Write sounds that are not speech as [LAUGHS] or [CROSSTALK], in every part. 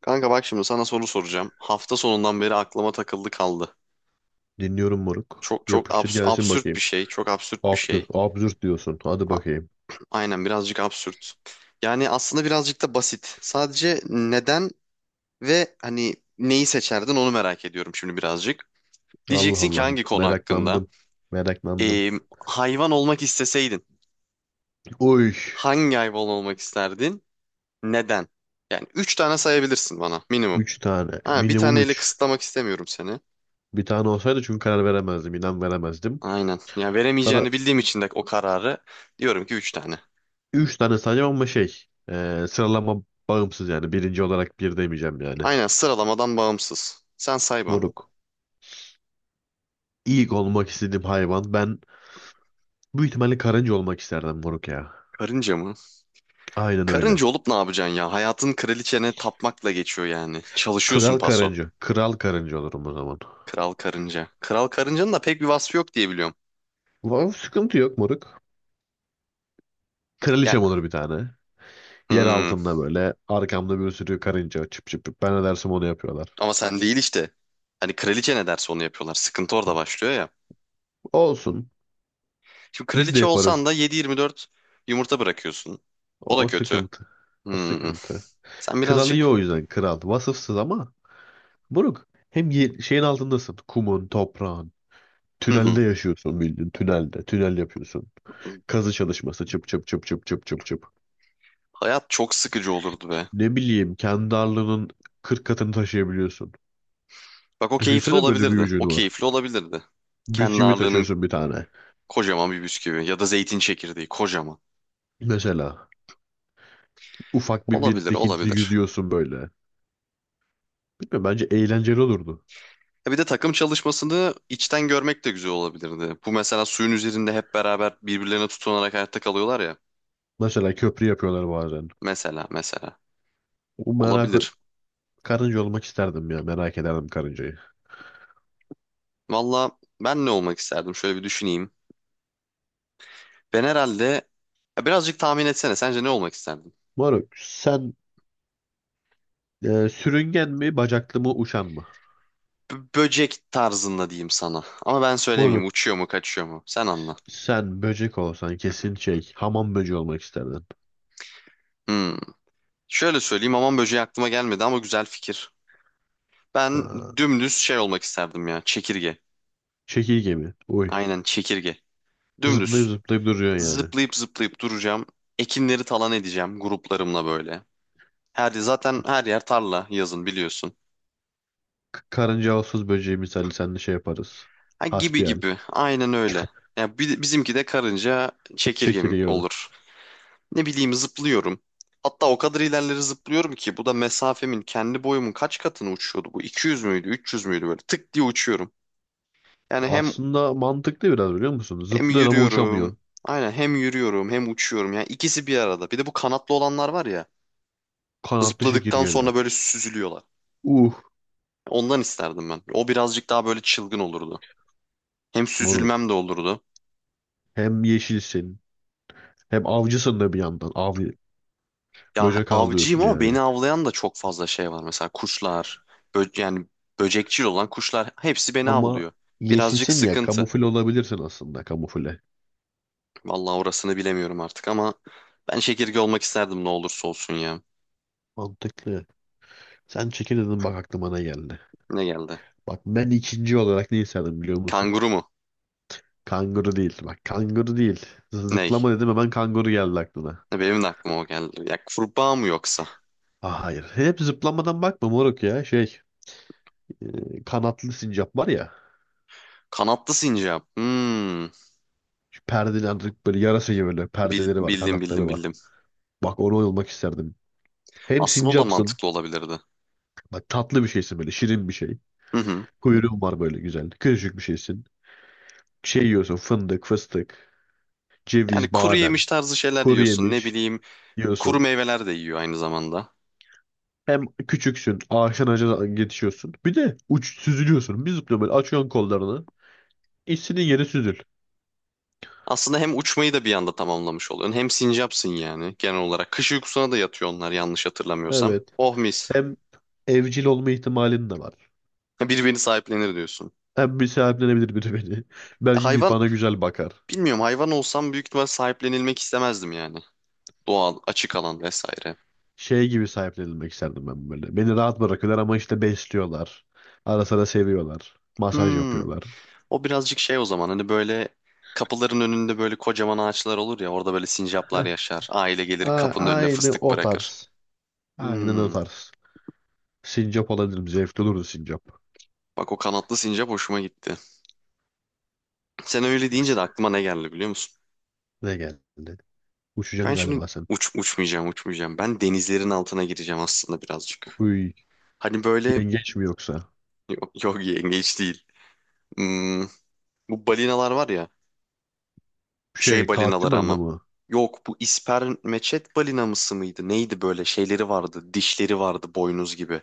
Kanka bak şimdi sana soru soracağım. Hafta sonundan beri aklıma takıldı kaldı. Dinliyorum moruk. Çok çok Yapıştır gelsin absürt bir bakayım. şey. Çok absürt bir Absürt, şey. absürt diyorsun. Hadi A- bakayım. Aynen birazcık absürt. Yani aslında birazcık da basit. Sadece neden ve hani neyi seçerdin onu merak ediyorum şimdi birazcık. Allah Diyeceksin ki Allah. hangi konu hakkında? Meraklandım. Meraklandım. Ee, Hayvan olmak isteseydin Oy. hangi hayvan olmak isterdin? Neden? Yani üç tane sayabilirsin bana minimum. Üç tane. Ha, bir Minimum taneyle üç. kısıtlamak istemiyorum seni. Bir tane olsaydı çünkü karar veremezdim. İnan veremezdim. Aynen. Ya Sana veremeyeceğini bildiğim için de o kararı diyorum ki 3 tane. üç tane sayacağım ama şey. Sıralama bağımsız yani. Birinci olarak bir demeyeceğim yani. Aynen sıralamadan bağımsız. Sen say bana. Moruk. İlk olmak istediğim hayvan. Ben büyük ihtimalle karınca olmak isterdim moruk ya. Karınca mı? Aynen öyle. Karınca olup ne yapacaksın ya? Hayatın kraliçene tapmakla geçiyor yani. Çalışıyorsun Kral paso. karınca. Kral karınca olurum o zaman. Kral karınca. Kral karıncanın da pek bir vasfı yok diye biliyorum. Vav, sıkıntı yok moruk. Ya Kraliçem olur bir tane. Yer hmm, altında böyle arkamda bir sürü karınca çıp çıp çıp. Ben ne dersem onu yapıyorlar. ama sen değil işte. Hani kraliçe ne derse onu yapıyorlar. Sıkıntı orada başlıyor ya. Olsun. Şimdi Biz de kraliçe olsan yaparız. da 7/24 yumurta bırakıyorsun. O O, da o kötü. sıkıntı. O Hmm. sıkıntı. Sen Kral iyi birazcık. o yüzden kral. Vasıfsız ama buruk. Hem şeyin altındasın. Kumun, toprağın. Hı hı. Tünelde yaşıyorsun bildiğin. Tünelde. Tünel yapıyorsun. Kazı çalışması çıp çıp çıp çıp çıp çıp çıp. Hayat çok sıkıcı olurdu be. Ne bileyim kendi ağırlığının 40 katını taşıyabiliyorsun. Bak o keyifli Düşünsene böyle bir olabilirdi. gücün O var. keyifli olabilirdi. Kendi Bisküvi ağırlığının taşıyorsun bir tane. kocaman bir bisküvi ya da zeytin çekirdeği kocaman. Mesela, ufak bir Olabilir, birikintili olabilir. yüzüyorsun böyle. Bilmiyorum bence eğlenceli olurdu. Ya bir de takım çalışmasını içten görmek de güzel olabilirdi. Bu mesela suyun üzerinde hep beraber birbirlerine tutunarak hayatta kalıyorlar ya. Mesela köprü yapıyorlar bazen. Mesela, mesela. O merak Olabilir. karınca olmak isterdim ya. Merak ederdim karıncayı. Valla ben ne olmak isterdim? Şöyle bir düşüneyim. Ben herhalde. Ya birazcık tahmin etsene. Sence ne olmak isterdin? Moruk sen sürüngen mi bacaklı mı uçan mı? Böcek tarzında diyeyim sana. Ama ben söylemeyeyim. Moruk Uçuyor mu, kaçıyor mu? Sen anla. sen böcek olsan kesin şey hamam böceği olmak isterdin. Hmm. Şöyle söyleyeyim aman böceği aklıma gelmedi ama güzel fikir. Ben Ha, dümdüz şey olmak isterdim ya çekirge. çekirge mi? Uy. Aynen çekirge. Zıplayıp Dümdüz. zıplayıp duruyor yani. Zıplayıp zıplayıp duracağım. Ekinleri talan edeceğim gruplarımla böyle. Her zaten her yer tarla yazın biliyorsun. Karınca olsuz böceği misali seninle şey yaparız. Ha, gibi Hasbihal. gibi. Aynen öyle. Ya bizimki de karınca çekirge Çekirge o da. olur. Ne bileyim zıplıyorum. Hatta o kadar ilerleri zıplıyorum ki bu da mesafemin kendi boyumun kaç katını uçuyordu bu? 200 müydü, 300 müydü böyle tık diye uçuyorum. Yani hem. Aslında mantıklı biraz biliyor musun? Hem Zıplıyorsun ama yürüyorum. uçamıyorsun. Aynen hem yürüyorum hem uçuyorum. Yani ikisi bir arada. Bir de bu kanatlı olanlar var ya. Kanatlı Zıpladıktan çekirgeler. sonra böyle süzülüyorlar. Uh Ondan isterdim ben. O birazcık daha böyle çılgın olurdu. Hem moruk. süzülmem de olurdu. Hem yeşilsin hem avcısın da bir yandan. Av Ya böcek avcıyım avlıyorsun ama beni yani. avlayan da çok fazla şey var. Mesela kuşlar, yani böcekçil olan kuşlar hepsi beni Ama avlıyor. Birazcık yeşilsin ya sıkıntı. kamufle olabilirsin aslında kamufle. Vallahi orasını bilemiyorum artık ama ben çekirge olmak isterdim ne olursa olsun ya. Mantıklı. Sen çekirdin bak aklıma ne geldi. Ne geldi? Bak ben ikinci olarak ne isterdim biliyor musun? Kanguru mu? Kanguru değil. Bak kanguru değil. Ney? Zıplama dedim hemen kanguru geldi aklına. Ya benim de aklıma o geldi. Ya kurbağa mı yoksa? Ah, hayır. Hep zıplamadan bakma moruk ya. Şey kanatlı sincap var ya. Kanatlı sincap. Hmm. Şu perdeleri böyle yarasa gibi böyle perdeleri var Bildim bildim kanatları var. bildim. Bak onu olmak isterdim. Hem Aslında o da sincapsın. mantıklı olabilirdi. Bak tatlı bir şeysin böyle. Şirin bir şey. Hı hı. Kuyruğun var böyle güzel. Küçücük bir şeysin. Şey yiyorsun. Fındık, fıstık, Yani ceviz, kuru badem. yemiş tarzı şeyler Kuru yiyorsun. Ne yemiş bileyim kuru yiyorsun. meyveler de yiyor aynı zamanda. Hem küçüksün. Ağaçtan ağaca yetişiyorsun. Bir de uç süzülüyorsun. Bir zıplıyorsun böyle. Açıyorsun kollarını. İstediğin yere süzül. Aslında hem uçmayı da bir anda tamamlamış oluyorsun. Hem sincapsın yani genel olarak. Kış uykusuna da yatıyor onlar yanlış hatırlamıyorsam. Evet. Oh mis. Hem evcil olma ihtimalin de var. Birbirini sahiplenir diyorsun. Hem bir sahiplenebilir biri beni. [LAUGHS] Ya Belki hayvan bana güzel bakar. bilmiyorum hayvan olsam büyük ihtimal sahiplenilmek istemezdim yani. Doğal, açık alan vesaire. Şey gibi sahiplenilmek isterdim ben böyle. Beni rahat bırakıyorlar ama işte besliyorlar. Ara sıra seviyorlar. Masaj Hmm. yapıyorlar. O birazcık şey o zaman hani böyle kapıların önünde böyle kocaman ağaçlar olur ya orada böyle sincaplar Heh. yaşar. Aile gelir A- kapının önüne aynı fıstık o bırakır. tarz. Aynen o Hmm, tarz. Sincap olabilirim. Zevkli olurdu sincap. bak o kanatlı sincap hoşuma gitti. Sen öyle deyince de aklıma ne geldi biliyor musun? Ne geldi? Uçacaksın Ben şimdi galiba sen. Uçmayacağım uçmayacağım. Ben denizlerin altına gireceğim aslında birazcık. Uy, Hani böyle yengeç mi yoksa? yok, yok yengeç değil. Hmm, bu balinalar var ya şey Şey, katil balinaları balina ama. mı? Yok bu ispermeçet balinamısı mıydı? Neydi böyle şeyleri vardı dişleri vardı boynuz gibi.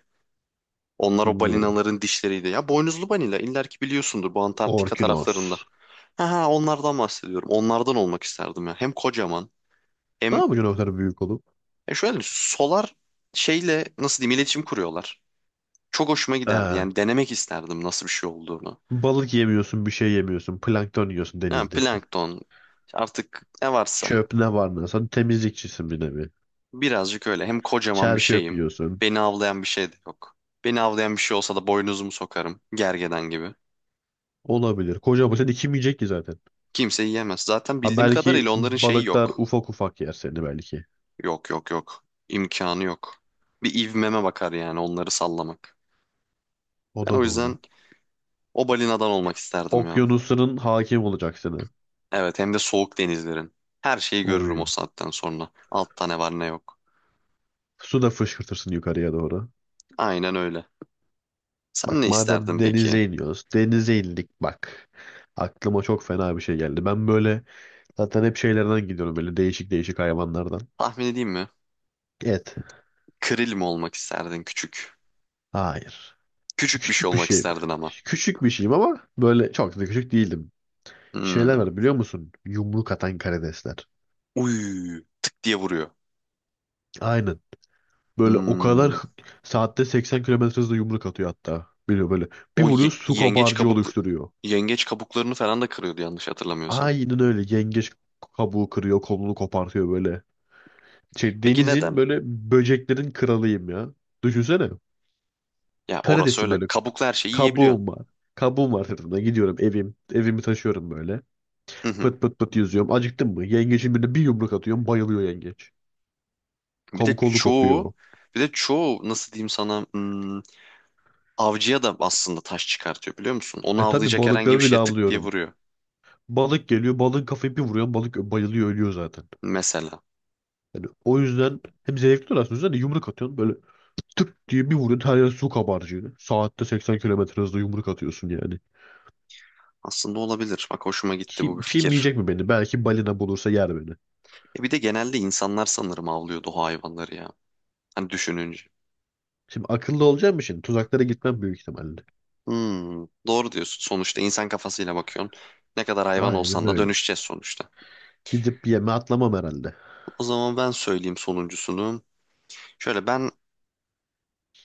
Onlar o Bilmiyorum. balinaların dişleriydi. Ya boynuzlu balina iller ki biliyorsundur bu Antarktika taraflarında. Orkinos. Ha ha onlardan bahsediyorum. Onlardan olmak isterdim ya. Hem kocaman Ne hem yapacaksın o kadar büyük olup? Şöyle solar şeyle nasıl diyeyim iletişim kuruyorlar. Çok hoşuma giderdi. Ee, Yani denemek isterdim nasıl bir şey olduğunu. Balık yemiyorsun, bir şey yemiyorsun. Plankton yiyorsun Yani denizdeki. plankton işte artık ne varsa Çöp ne var ne? Sen temizlikçisin bir nevi. birazcık öyle. Hem kocaman Çer bir çöp şeyim. yiyorsun. Beni avlayan bir şey de yok. Beni avlayan bir şey olsa da boynuzumu sokarım. Gergedan gibi. Olabilir. Kocaman sen kim yiyecek ki zaten? Kimse yiyemez. Zaten Ha bildiğim kadarıyla belki onların şeyi balıklar yok. ufak ufak yer seni belki. Yok yok yok. İmkanı yok. Bir ivmeme bakar yani onları sallamak. O Ben o da doğru. yüzden o balinadan olmak isterdim ya. Okyanusların hakim olacak seni. Evet hem de soğuk denizlerin. Her şeyi görürüm o Oy. saatten sonra. Altta ne var ne yok. Su da fışkırtırsın yukarıya doğru. Aynen öyle. Sen ne Bak isterdin madem peki? denize iniyoruz. Denize indik bak. Aklıma çok fena bir şey geldi. Ben böyle zaten hep şeylerden gidiyorum böyle değişik değişik hayvanlardan. Tahmin edeyim mi? Et. Kril mi olmak isterdin küçük? Hayır. Küçük bir şey Küçük bir olmak şeyim. isterdin ama. Küçük bir şeyim ama böyle çok da küçük değildim. Hmm. Şeyler var biliyor musun? Yumruk atan karidesler. Uy, tık diye vuruyor. Aynen. Böyle o kadar Hmm. Saatte 80 kilometre hızla yumruk atıyor hatta. Biliyor böyle. Bir O vuruyor su yengeç kabarcığı kabuklu oluşturuyor. yengeç kabuklarını falan da kırıyordu yanlış hatırlamıyorsam. Aynen öyle. Yengeç kabuğu kırıyor, kolunu kopartıyor böyle. Şey, Peki denizin neden? böyle böceklerin kralıyım ya. Düşünsene. Ya orası Karidesin öyle. böyle. Kabuklu her şeyi yiyebiliyorsun. Kabuğum var. Kabuğum var sırtımda. Gidiyorum evim. Evimi taşıyorum böyle. Hı hı. Pıt pıt pıt yüzüyorum. Acıktın mı? Yengeçin birine bir yumruk atıyorum. Bayılıyor yengeç. Bir de Kabuk kolu çoğu kopuyor. bir de çoğu nasıl diyeyim sana, avcıya da aslında taş çıkartıyor biliyor musun? Onu E tabi avlayacak herhangi balıkları bir bile şeye tık diye avlıyorum. vuruyor Balık geliyor. Balığın kafayı bir vuruyor. Balık bayılıyor ölüyor zaten. mesela. Yani o yüzden hem zevkli oluyor aslında. Hani yumruk atıyorsun böyle tık diye bir vuruyorsun. Her yer su kabarcığı. Saatte 80 kilometre hızla yumruk atıyorsun yani. Aslında olabilir. Bak hoşuma gitti bu Kim, bir kim fikir. yiyecek mi beni? Belki balina bulursa yer beni. E bir de genelde insanlar sanırım avlıyordu o hayvanları ya. Hani düşününce. Şimdi akıllı olacağım şimdi? Tuzaklara gitmem büyük ihtimalle. Doğru diyorsun. Sonuçta insan kafasıyla bakıyorsun. Ne kadar hayvan Aynen olsan da öyle. dönüşeceğiz sonuçta. Gidip yeme atlamam herhalde. O zaman ben söyleyeyim sonuncusunu. Şöyle ben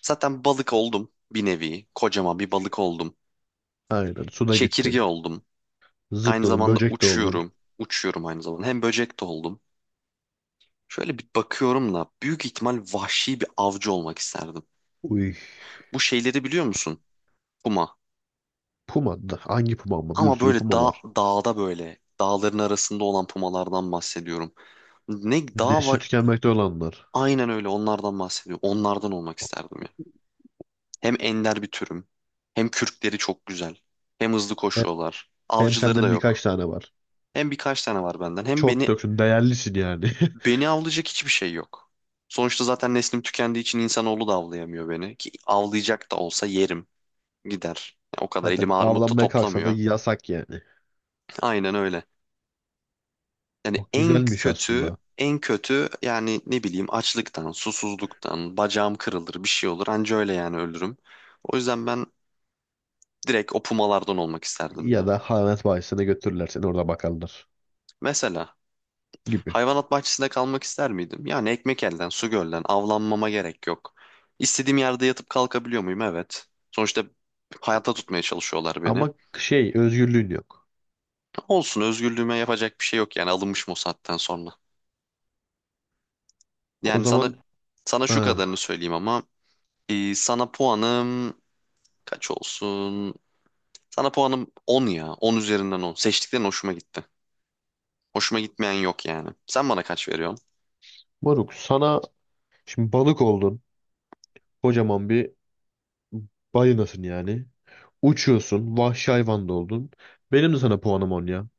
zaten balık oldum bir nevi. Kocaman bir balık oldum. Aynen. Suda Çekirge gittin. oldum. Aynı Zıpladın. zamanda Böcek de oldun. uçuyorum. Uçuyorum aynı zamanda. Hem böcek de oldum. Şöyle bir bakıyorum da büyük ihtimal vahşi bir avcı olmak isterdim. Uy. Bu şeyleri biliyor musun? Puma. Puma da. Hangi puma ama? Bir Ama sürü böyle puma dağ, var. dağda böyle dağların arasında olan pumalardan bahsediyorum. Ne dağ Nesli var? tükenmekte olanlar. Aynen öyle onlardan bahsediyorum. Onlardan olmak isterdim ya. Hem ender bir türüm. Hem kürkleri çok güzel. Hem hızlı Hep, koşuyorlar. hem Avcıları da senden birkaç yok. tane var. Hem birkaç tane var benden. Hem Çok beni. da değerlisin yani. Beni avlayacak hiçbir şey yok. Sonuçta zaten neslim tükendiği için insanoğlu da avlayamıyor beni. Ki avlayacak da olsa yerim. Gider. Ya o [LAUGHS] kadar Zaten elimi armut da avlanmaya kalksa da toplamıyor. yasak yani. Aynen öyle. Yani Çok en güzelmiş kötü, aslında. en kötü yani ne bileyim açlıktan, susuzluktan, bacağım kırılır, bir şey olur. Anca öyle yani ölürüm. O yüzden ben direkt o pumalardan olmak isterdim Ya ya. da hayvanat bahçesine götürürler seni orada bakarlar Mesela gibi. hayvanat bahçesinde kalmak ister miydim? Yani ekmek elden, su gölden, avlanmama gerek yok. İstediğim yerde yatıp kalkabiliyor muyum? Evet. Sonuçta hayatta tutmaya çalışıyorlar beni. Ama şey özgürlüğün yok. Olsun, özgürlüğüme yapacak bir şey yok yani alınmışım o saatten sonra. O Yani sana zaman sana şu kadarını ah, söyleyeyim ama sana puanım kaç olsun? Sana puanım 10 ya. 10 üzerinden 10. Seçtiklerin hoşuma gitti. Hoşuma gitmeyen yok yani. Sen bana kaç veriyorsun? moruk sana şimdi balık oldun. Kocaman bir balinasın yani. Uçuyorsun. Vahşi hayvan da oldun. Benim de sana puanım 10 ya.